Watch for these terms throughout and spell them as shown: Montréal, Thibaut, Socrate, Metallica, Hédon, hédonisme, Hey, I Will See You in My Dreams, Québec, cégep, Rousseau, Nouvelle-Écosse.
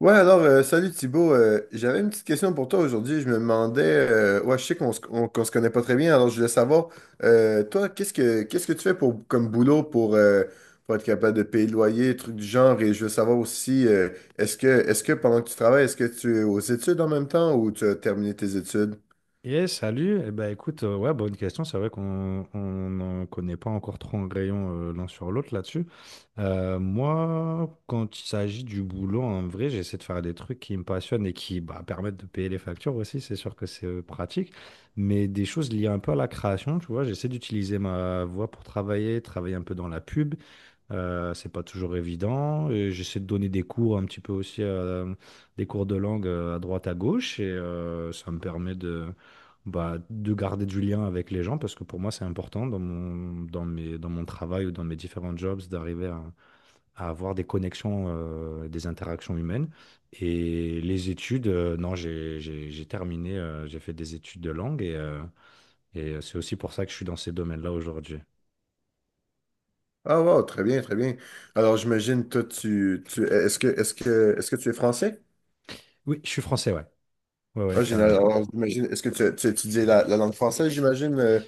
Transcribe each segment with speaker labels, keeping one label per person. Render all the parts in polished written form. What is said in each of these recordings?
Speaker 1: Ouais, alors, salut Thibaut. J'avais une petite question pour toi aujourd'hui. Je me demandais, ouais, je sais qu'on se connaît pas très bien, alors je voulais savoir, toi, qu'est-ce que tu fais pour comme boulot pour être capable de payer le loyer, trucs du genre, et je veux savoir aussi, est-ce que pendant que tu travailles, est-ce que tu es aux études en même temps ou tu as terminé tes études?
Speaker 2: Et salut, eh ben, écoute, ouais, bonne question. C'est vrai qu'on on n'en connaît pas encore trop en rayon l'un sur l'autre là-dessus. Moi, quand il s'agit du boulot, en vrai, j'essaie de faire des trucs qui me passionnent et qui bah, permettent de payer les factures aussi. C'est sûr que c'est pratique, mais des choses liées un peu à la création, tu vois. J'essaie d'utiliser ma voix pour travailler un peu dans la pub. C'est pas toujours évident. Et j'essaie de donner des cours un petit peu aussi, des cours de langue à droite à gauche, et ça me permet de, bah, de garder du lien avec les gens parce que pour moi c'est important dans mon travail ou dans mes différents jobs d'arriver à avoir des connexions, des interactions humaines. Et les études, non, j'ai terminé, j'ai fait des études de langue et c'est aussi pour ça que je suis dans ces domaines-là aujourd'hui.
Speaker 1: Ah wow, très bien, très bien. Alors j'imagine toi tu tu est-ce que tu es français?
Speaker 2: Oui, je suis français, ouais, ouais, ouais,
Speaker 1: Ah, génial.
Speaker 2: carrément.
Speaker 1: Alors, j'imagine, est-ce que tu étudies la langue française, j'imagine, euh,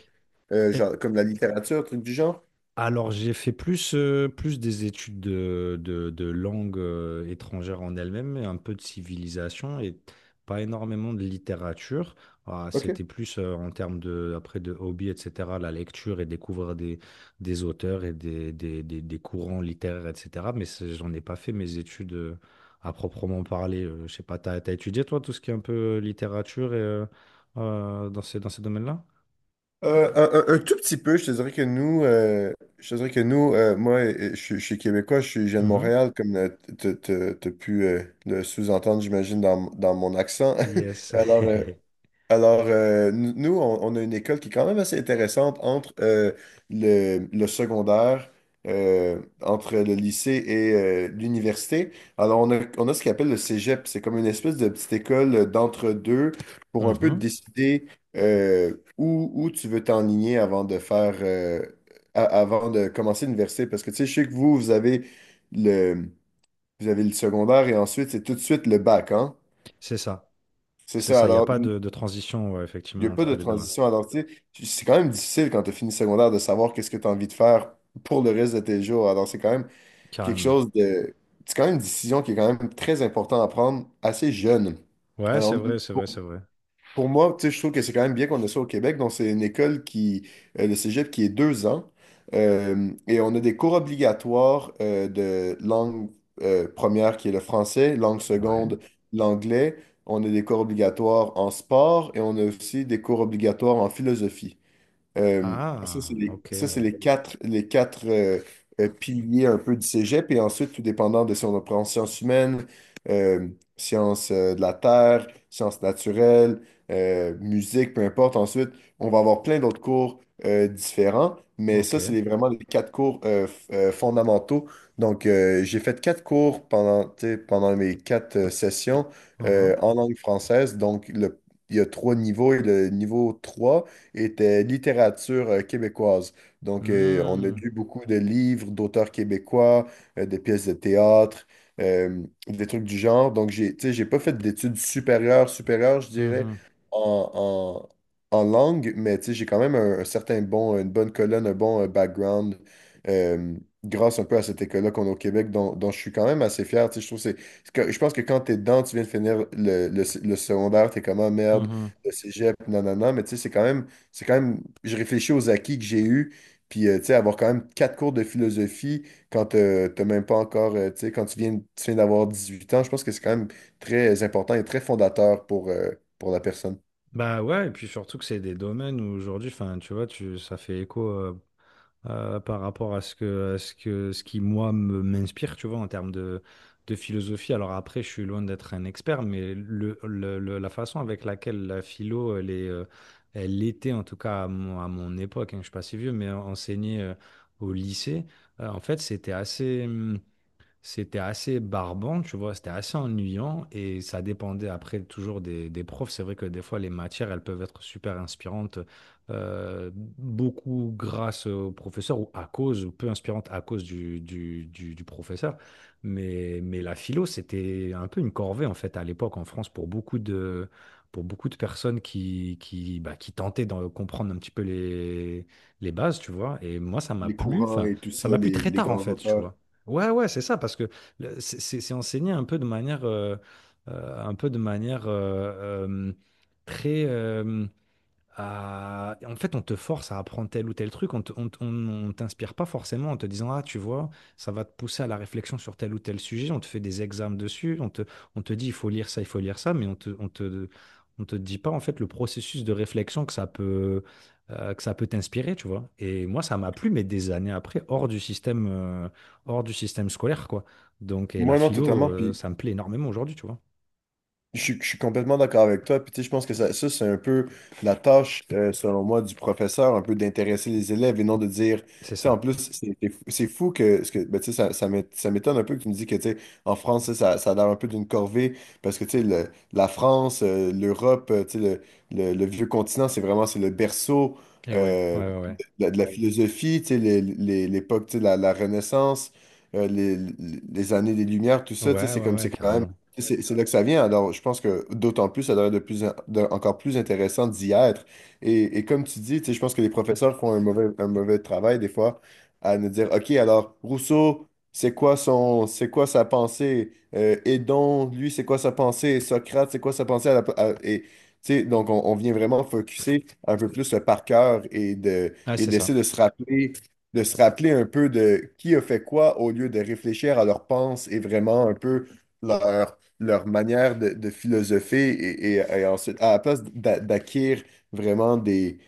Speaker 1: euh, genre, comme la littérature, truc du genre?
Speaker 2: Alors, j'ai fait plus, plus des études de langue étrangère en elle-même, et un peu de civilisation et pas énormément de littérature. Ah,
Speaker 1: OK.
Speaker 2: c'était plus en termes de, après de hobby, etc., la lecture et découvrir des auteurs et des courants littéraires, etc. Mais c'est- j'en ai pas fait mes études à proprement parler. Je sais pas, t'as étudié toi tout ce qui est un peu littérature et, dans ces domaines-là?
Speaker 1: Un tout petit peu, je te dirais que nous, moi, je suis québécois, je viens de
Speaker 2: Mhm.
Speaker 1: Montréal, comme t'as pu le sous-entendre, j'imagine, dans mon accent.
Speaker 2: Yes.
Speaker 1: Alors, euh, Alors, nous, on a une école qui est quand même assez intéressante entre le secondaire, entre le lycée et l'université. Alors, on a ce qu'on appelle le cégep. C'est comme une espèce de petite école d'entre-deux pour un peu
Speaker 2: Mhm.
Speaker 1: décider où tu veux t'enligner avant de avant de commencer l'université. Parce que, tu sais, je sais que vous avez le, vous avez le secondaire et ensuite, c'est tout de suite le bac, hein?
Speaker 2: C'est ça.
Speaker 1: C'est
Speaker 2: C'est
Speaker 1: ça.
Speaker 2: ça, il n'y a
Speaker 1: Alors,
Speaker 2: pas de transition, ouais,
Speaker 1: il n'y a
Speaker 2: effectivement,
Speaker 1: pas de
Speaker 2: entre les deux, ouais.
Speaker 1: transition. Alors, tu sais, c'est quand même difficile quand tu as fini secondaire de savoir qu'est-ce que tu as envie de faire pour le reste de tes jours. Alors, quelque
Speaker 2: Carrément.
Speaker 1: chose de... C'est quand même une décision qui est quand même très importante à prendre assez jeune.
Speaker 2: Ouais, c'est
Speaker 1: Alors,
Speaker 2: vrai, c'est vrai, c'est vrai.
Speaker 1: pour moi, tu sais, je trouve que c'est quand même bien qu'on ait ça au Québec. Donc, c'est une école le cégep, qui est 2 ans. Et on a des cours obligatoires de langue première, qui est le français, langue
Speaker 2: Ouais.
Speaker 1: seconde, l'anglais. On a des cours obligatoires en sport et on a aussi des cours obligatoires en philosophie. Euh,
Speaker 2: Ah, ok,
Speaker 1: ça, c'est les quatre piliers un peu du cégep. Et ensuite, tout dépendant de si on prend sciences humaines, euh, sciences de la terre, sciences naturelles, musique, peu importe. Ensuite, on va avoir plein d'autres cours différents. Mais ça,
Speaker 2: ok.
Speaker 1: vraiment les quatre cours fondamentaux. Donc, j'ai fait quatre cours pendant, tu sais, pendant mes quatre sessions
Speaker 2: Uhum.
Speaker 1: en langue française. Donc, il y a trois niveaux et le niveau 3 était littérature québécoise. Donc, on a
Speaker 2: Hmm,
Speaker 1: lu beaucoup de livres d'auteurs québécois, de pièces de théâtre, des trucs du genre. Donc, j'ai, tu sais, j'ai pas fait d'études supérieures, je dirais,
Speaker 2: mhm,
Speaker 1: en, en langue, mais tu sais, j'ai quand même une bonne colonne, un bon background. euh, Grâce un peu à cette école-là qu'on a au Québec, dont je suis quand même assez fier. Tu sais, je trouve que je pense que quand t'es es dedans, tu viens de finir le secondaire, t'es comme, ah merde,
Speaker 2: mhm.
Speaker 1: le cégep, nanana, mais tu sais, c'est quand même, je réfléchis aux acquis que j'ai eus, puis tu sais, avoir quand même quatre cours de philosophie quand t'as même pas encore, tu sais, tu viens d'avoir 18 ans, je pense que c'est quand même très important et très fondateur pour la personne.
Speaker 2: Bah ouais, et puis surtout que c'est des domaines où aujourd'hui, enfin, tu vois, tu, ça fait écho. Par rapport à ce que, ce qui, moi, me- m'inspire, tu vois, en termes de philosophie. Alors après, je suis loin d'être un expert, mais la façon avec laquelle la philo, elle est, elle était, en tout cas à mon époque, hein, je suis pas si vieux, mais enseignée au lycée, en fait, c'était assez. C'était assez barbant, tu vois, c'était assez ennuyant et ça dépendait après toujours des profs. C'est vrai que des fois, les matières, elles peuvent être super inspirantes, beaucoup grâce au professeur ou à cause, ou peu inspirantes à cause du professeur. Mais la philo, c'était un peu une corvée en fait à l'époque en France pour beaucoup de personnes bah, qui tentaient de comprendre un petit peu les bases, tu vois. Et moi, ça m'a
Speaker 1: Les
Speaker 2: plu,
Speaker 1: courants
Speaker 2: enfin,
Speaker 1: et tout
Speaker 2: ça
Speaker 1: ça,
Speaker 2: m'a plu très
Speaker 1: les
Speaker 2: tard en
Speaker 1: grands
Speaker 2: fait, tu
Speaker 1: auteurs.
Speaker 2: vois. Ouais, ouais, c'est ça, parce que le- c'est enseigné un peu de manière, un peu de manière très, euh, en fait, on te force à apprendre tel ou tel truc, on t'inspire pas forcément en te disant, ah, tu vois, ça va te pousser à la réflexion sur tel ou tel sujet, on te fait des examens dessus, on te dit, il faut lire ça, il faut lire ça, mais on te dit pas, en fait, le processus de réflexion que ça peut t'inspirer, tu vois. Et moi, ça m'a plu, mais des années après, hors du système scolaire, quoi. Donc, et la
Speaker 1: Moi, non,
Speaker 2: philo,
Speaker 1: totalement. Puis
Speaker 2: ça me plaît énormément aujourd'hui, tu vois.
Speaker 1: Je suis complètement d'accord avec toi. Puis, tu sais, je pense que ça, c'est un peu la tâche, selon moi, du professeur, un peu d'intéresser les élèves et non de dire, tu
Speaker 2: C'est
Speaker 1: sais,
Speaker 2: ça.
Speaker 1: en plus, c'est fou que, ce que ben, tu sais, ça m'étonne un peu que tu me dis que, tu sais, en France, ça a l'air un peu d'une corvée parce que, tu sais, la France, l'Europe, tu sais, le vieux continent, c'est vraiment, c'est le berceau.
Speaker 2: Et ouais,
Speaker 1: euh,
Speaker 2: ouais, ouais,
Speaker 1: de la philosophie, tu sais, l'époque, tu sais, la Renaissance, euh, les, les- années des Lumières, tout
Speaker 2: ouais,
Speaker 1: ça, tu sais,
Speaker 2: ouais,
Speaker 1: c'est
Speaker 2: ouais,
Speaker 1: comme,
Speaker 2: ouais,
Speaker 1: c'est quand même,
Speaker 2: carrément.
Speaker 1: c'est là que ça vient. Alors, je pense que d'autant plus, ça devrait être de plus, en- de- encore plus intéressant d'y être. Et comme tu dis, tu sais, je pense que les professeurs font un mauvais travail des fois à nous dire, OK, alors, Rousseau, c'est quoi sa pensée? Hédon, lui, c'est quoi sa pensée? Socrate, c'est quoi sa pensée? À la- à- et, Tu sais, donc, on vient vraiment focuser un peu plus le par cœur
Speaker 2: Ah,
Speaker 1: et
Speaker 2: c'est
Speaker 1: d'essayer
Speaker 2: ça.
Speaker 1: de se rappeler un peu de qui a fait quoi au lieu de réfléchir à leurs pensées et vraiment un peu leur manière de philosopher et ensuite, à la place d'acquérir vraiment des,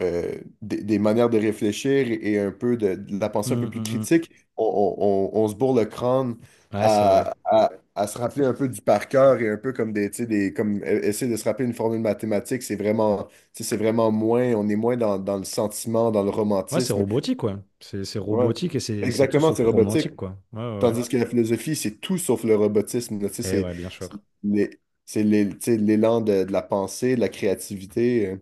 Speaker 1: euh, des, des manières de réfléchir et, un peu de la pensée un peu
Speaker 2: Hum,
Speaker 1: plus
Speaker 2: hum, hum.
Speaker 1: critique, on se bourre le crâne
Speaker 2: Ouais, c'est vrai.
Speaker 1: à se rappeler un peu du par cœur et un peu comme des, tu sais, des comme e- essayer de se rappeler une formule mathématique, c'est vraiment moins, on est moins dans le sentiment, dans le
Speaker 2: Ouais, c'est
Speaker 1: romantisme.
Speaker 2: robotique, ouais. C'est
Speaker 1: Ouais.
Speaker 2: robotique et c'est tout
Speaker 1: Exactement,
Speaker 2: sauf
Speaker 1: c'est robotique.
Speaker 2: romantique, quoi. Ouais, ouais,
Speaker 1: Tandis que la philosophie, c'est tout sauf le robotisme, là, tu sais,
Speaker 2: ouais. Et ouais, bien
Speaker 1: c'est
Speaker 2: sûr.
Speaker 1: les- tu sais, l'élan de la pensée, de la créativité.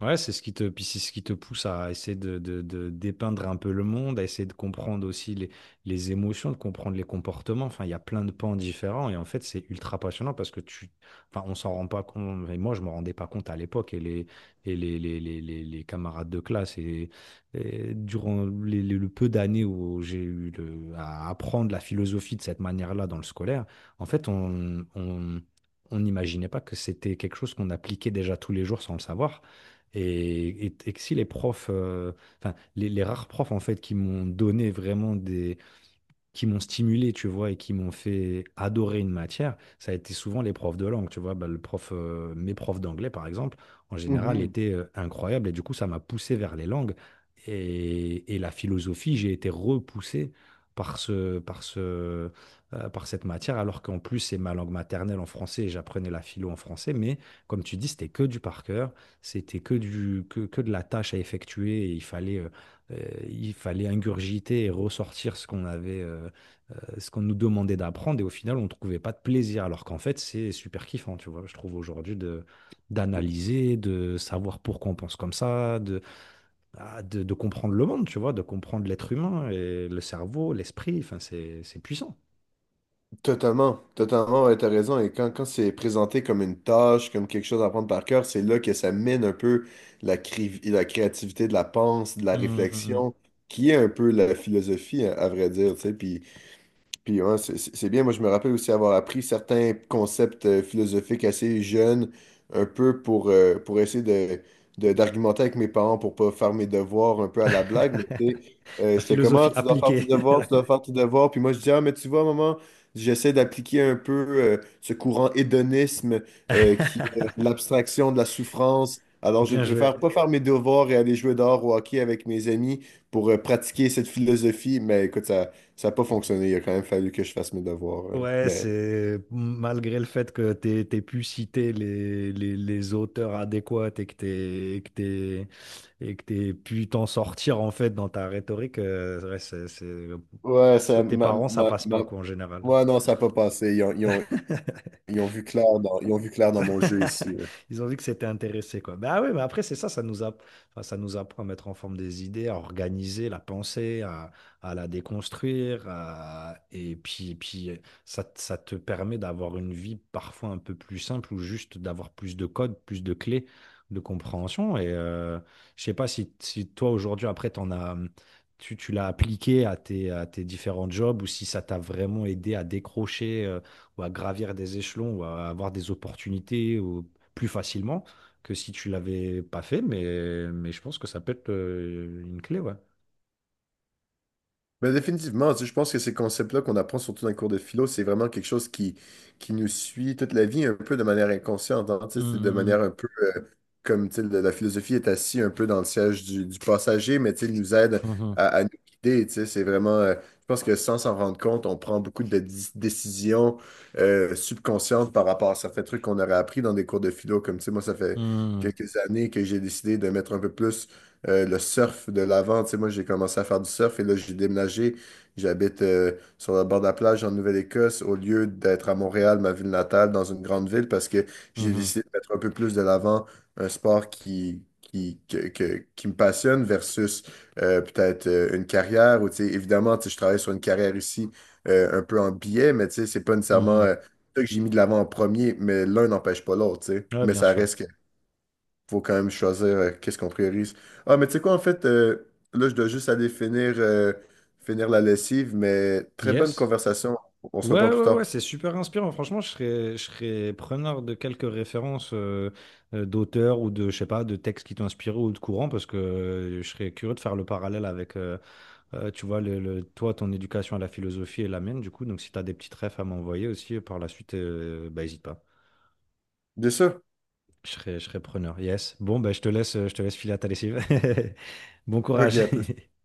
Speaker 2: Ouais, c'est ce qui te, puis c'est ce qui te pousse à essayer de dépeindre un peu le monde, à essayer de comprendre aussi les émotions, de comprendre les comportements. Enfin, il y a plein de pans différents et en fait, c'est ultra passionnant parce que tu, enfin, on s'en rend pas compte. Et moi, je me rendais pas compte à l'époque et les camarades de classe et durant le peu d'années où j'ai eu le- à apprendre la philosophie de cette manière-là dans le scolaire, en fait, on n'imaginait pas que c'était quelque chose qu'on appliquait déjà tous les jours sans le savoir. Et que si les profs, enfin, les rares profs en fait qui m'ont donné vraiment des, qui m'ont stimulé, tu vois, et qui m'ont fait adorer une matière, ça a été souvent les profs de langue, tu vois. Bah, le prof, mes profs d'anglais, par exemple, en général,
Speaker 1: euh.
Speaker 2: étaient incroyables et du coup, ça m'a poussé vers les langues. Et la philosophie, j'ai été repoussé par ce, par cette matière, alors qu'en plus, c'est ma langue maternelle en français et j'apprenais la philo en français. Mais comme tu dis, c'était que du par cœur, c'était que que de la tâche à effectuer et euh, il fallait ingurgiter et ressortir ce qu'on avait, ce qu'on nous demandait d'apprendre et au final, on ne trouvait pas de plaisir. Alors qu'en fait, c'est super kiffant, tu vois, je trouve aujourd'hui de d'analyser, de savoir pourquoi on pense comme ça, de comprendre le monde, tu vois, de comprendre l'être humain et le cerveau, l'esprit, enfin, c'est puissant.
Speaker 1: Totalement, totalement, ouais, t'as raison. Et quand c'est présenté comme une tâche, comme quelque chose à prendre par cœur, c'est là que ça mène un peu la créativité de la pensée, de la
Speaker 2: Hum, hum, hum.
Speaker 1: réflexion, qui est un peu la philosophie, à vrai dire, tu sais. Puis ouais, c'est bien. Moi, je me rappelle aussi avoir appris certains concepts philosophiques assez jeunes, un peu pour essayer d'argumenter avec mes parents pour pas faire mes devoirs un peu à la blague. Mais tu sais,
Speaker 2: La
Speaker 1: j'étais comme, ah,
Speaker 2: philosophie
Speaker 1: tu dois faire tes
Speaker 2: appliquée.
Speaker 1: devoirs, tu dois faire tes devoirs. Puis moi, je dis, ah, mais tu vois, maman, j'essaie d'appliquer un peu ce courant hédonisme qui est l'abstraction de la souffrance. Alors, je ne
Speaker 2: Bien joué.
Speaker 1: préfère pas faire mes devoirs et aller jouer dehors au hockey avec mes amis pour pratiquer cette philosophie. Mais écoute, ça. Ça n'a pas fonctionné. Il a quand même fallu que je fasse mes devoirs.
Speaker 2: Ouais,
Speaker 1: Mais
Speaker 2: c'est malgré le fait que t'aies pu citer les auteurs adéquats et que t'aies pu t'en sortir en fait dans ta rhétorique, ouais, c'est-
Speaker 1: ouais, ça,
Speaker 2: côté
Speaker 1: ma,
Speaker 2: parents, ça
Speaker 1: ma-
Speaker 2: passe pas
Speaker 1: ma-
Speaker 2: quoi en général.
Speaker 1: ouais, non, ça n'a pas passé. Ils ont vu clair dans mon jeu ici, là.
Speaker 2: Ils ont vu que c'était intéressé, quoi. Ben ah oui, mais après, c'est ça, enfin, ça nous apprend à mettre en forme des idées, à organiser la pensée, à la déconstruire. À- Et puis ça, ça te permet d'avoir une vie parfois un peu plus simple ou juste d'avoir plus de codes, plus de clés de compréhension. Et je sais pas si, si toi, aujourd'hui, après, t'en as, tu l'as appliqué à tes différents jobs ou si ça t'a vraiment aidé à décrocher, ou à gravir des échelons ou à avoir des opportunités ou plus facilement que si tu l'avais pas fait. Mais je pense que ça peut être une clé, ouais.
Speaker 1: Mais définitivement, tu sais, je pense que ces concepts-là qu'on apprend surtout dans les cours de philo, c'est vraiment quelque chose qui nous suit toute la vie un peu de manière inconsciente, hein, tu sais, c'est de
Speaker 2: Mhm,
Speaker 1: manière un peu comme tu sais, la philosophie est assise un peu dans le siège du passager, mais tu sais, il nous aide
Speaker 2: mhm,
Speaker 1: à nous guider. Tu sais, je pense que sans s'en rendre compte, on prend beaucoup de décisions subconscientes par rapport à certains trucs qu'on aurait appris dans des cours de philo. Comme tu sais, moi, ça fait
Speaker 2: mhm,
Speaker 1: quelques années que j'ai décidé de mettre un peu plus le surf de l'avant. Tu sais, moi, j'ai commencé à faire du surf et là, j'ai déménagé. J'habite sur le bord de la plage en Nouvelle-Écosse au lieu d'être à Montréal, ma ville natale, dans une grande ville, parce que j'ai
Speaker 2: mhm,
Speaker 1: décidé de mettre un peu plus de l'avant un sport qui me passionne versus peut-être une carrière où, tu sais, évidemment, tu sais, je travaille sur une carrière ici un peu en billet, mais tu sais, c'est pas nécessairement
Speaker 2: mhm.
Speaker 1: ça que j'ai mis de l'avant en premier, mais l'un n'empêche pas l'autre, tu sais.
Speaker 2: Ouais,
Speaker 1: Mais
Speaker 2: bien
Speaker 1: ça
Speaker 2: sûr.
Speaker 1: reste qu'il faut quand même choisir qu'est-ce qu'on priorise. Ah, mais tu sais quoi, en fait, là, je dois juste aller finir la lessive, mais très bonne
Speaker 2: Yes.
Speaker 1: conversation. On se
Speaker 2: Ouais,
Speaker 1: reprend plus
Speaker 2: ouais, ouais,
Speaker 1: tard.
Speaker 2: c'est super inspirant. Franchement, je serais preneur de quelques références d'auteurs ou de, je sais pas, de textes qui t'ont inspiré ou de courants parce que je serais curieux de faire le parallèle avec, tu vois, toi, ton éducation à la philosophie est la mienne, du coup. Donc, si tu as des petites refs à m'envoyer aussi par la suite, bah, hésite pas.
Speaker 1: Bien sûr.
Speaker 2: Je serai preneur. Yes. Bon, bah, je te laisse filer à ta lessive. Bon
Speaker 1: OK,
Speaker 2: courage.
Speaker 1: à plus.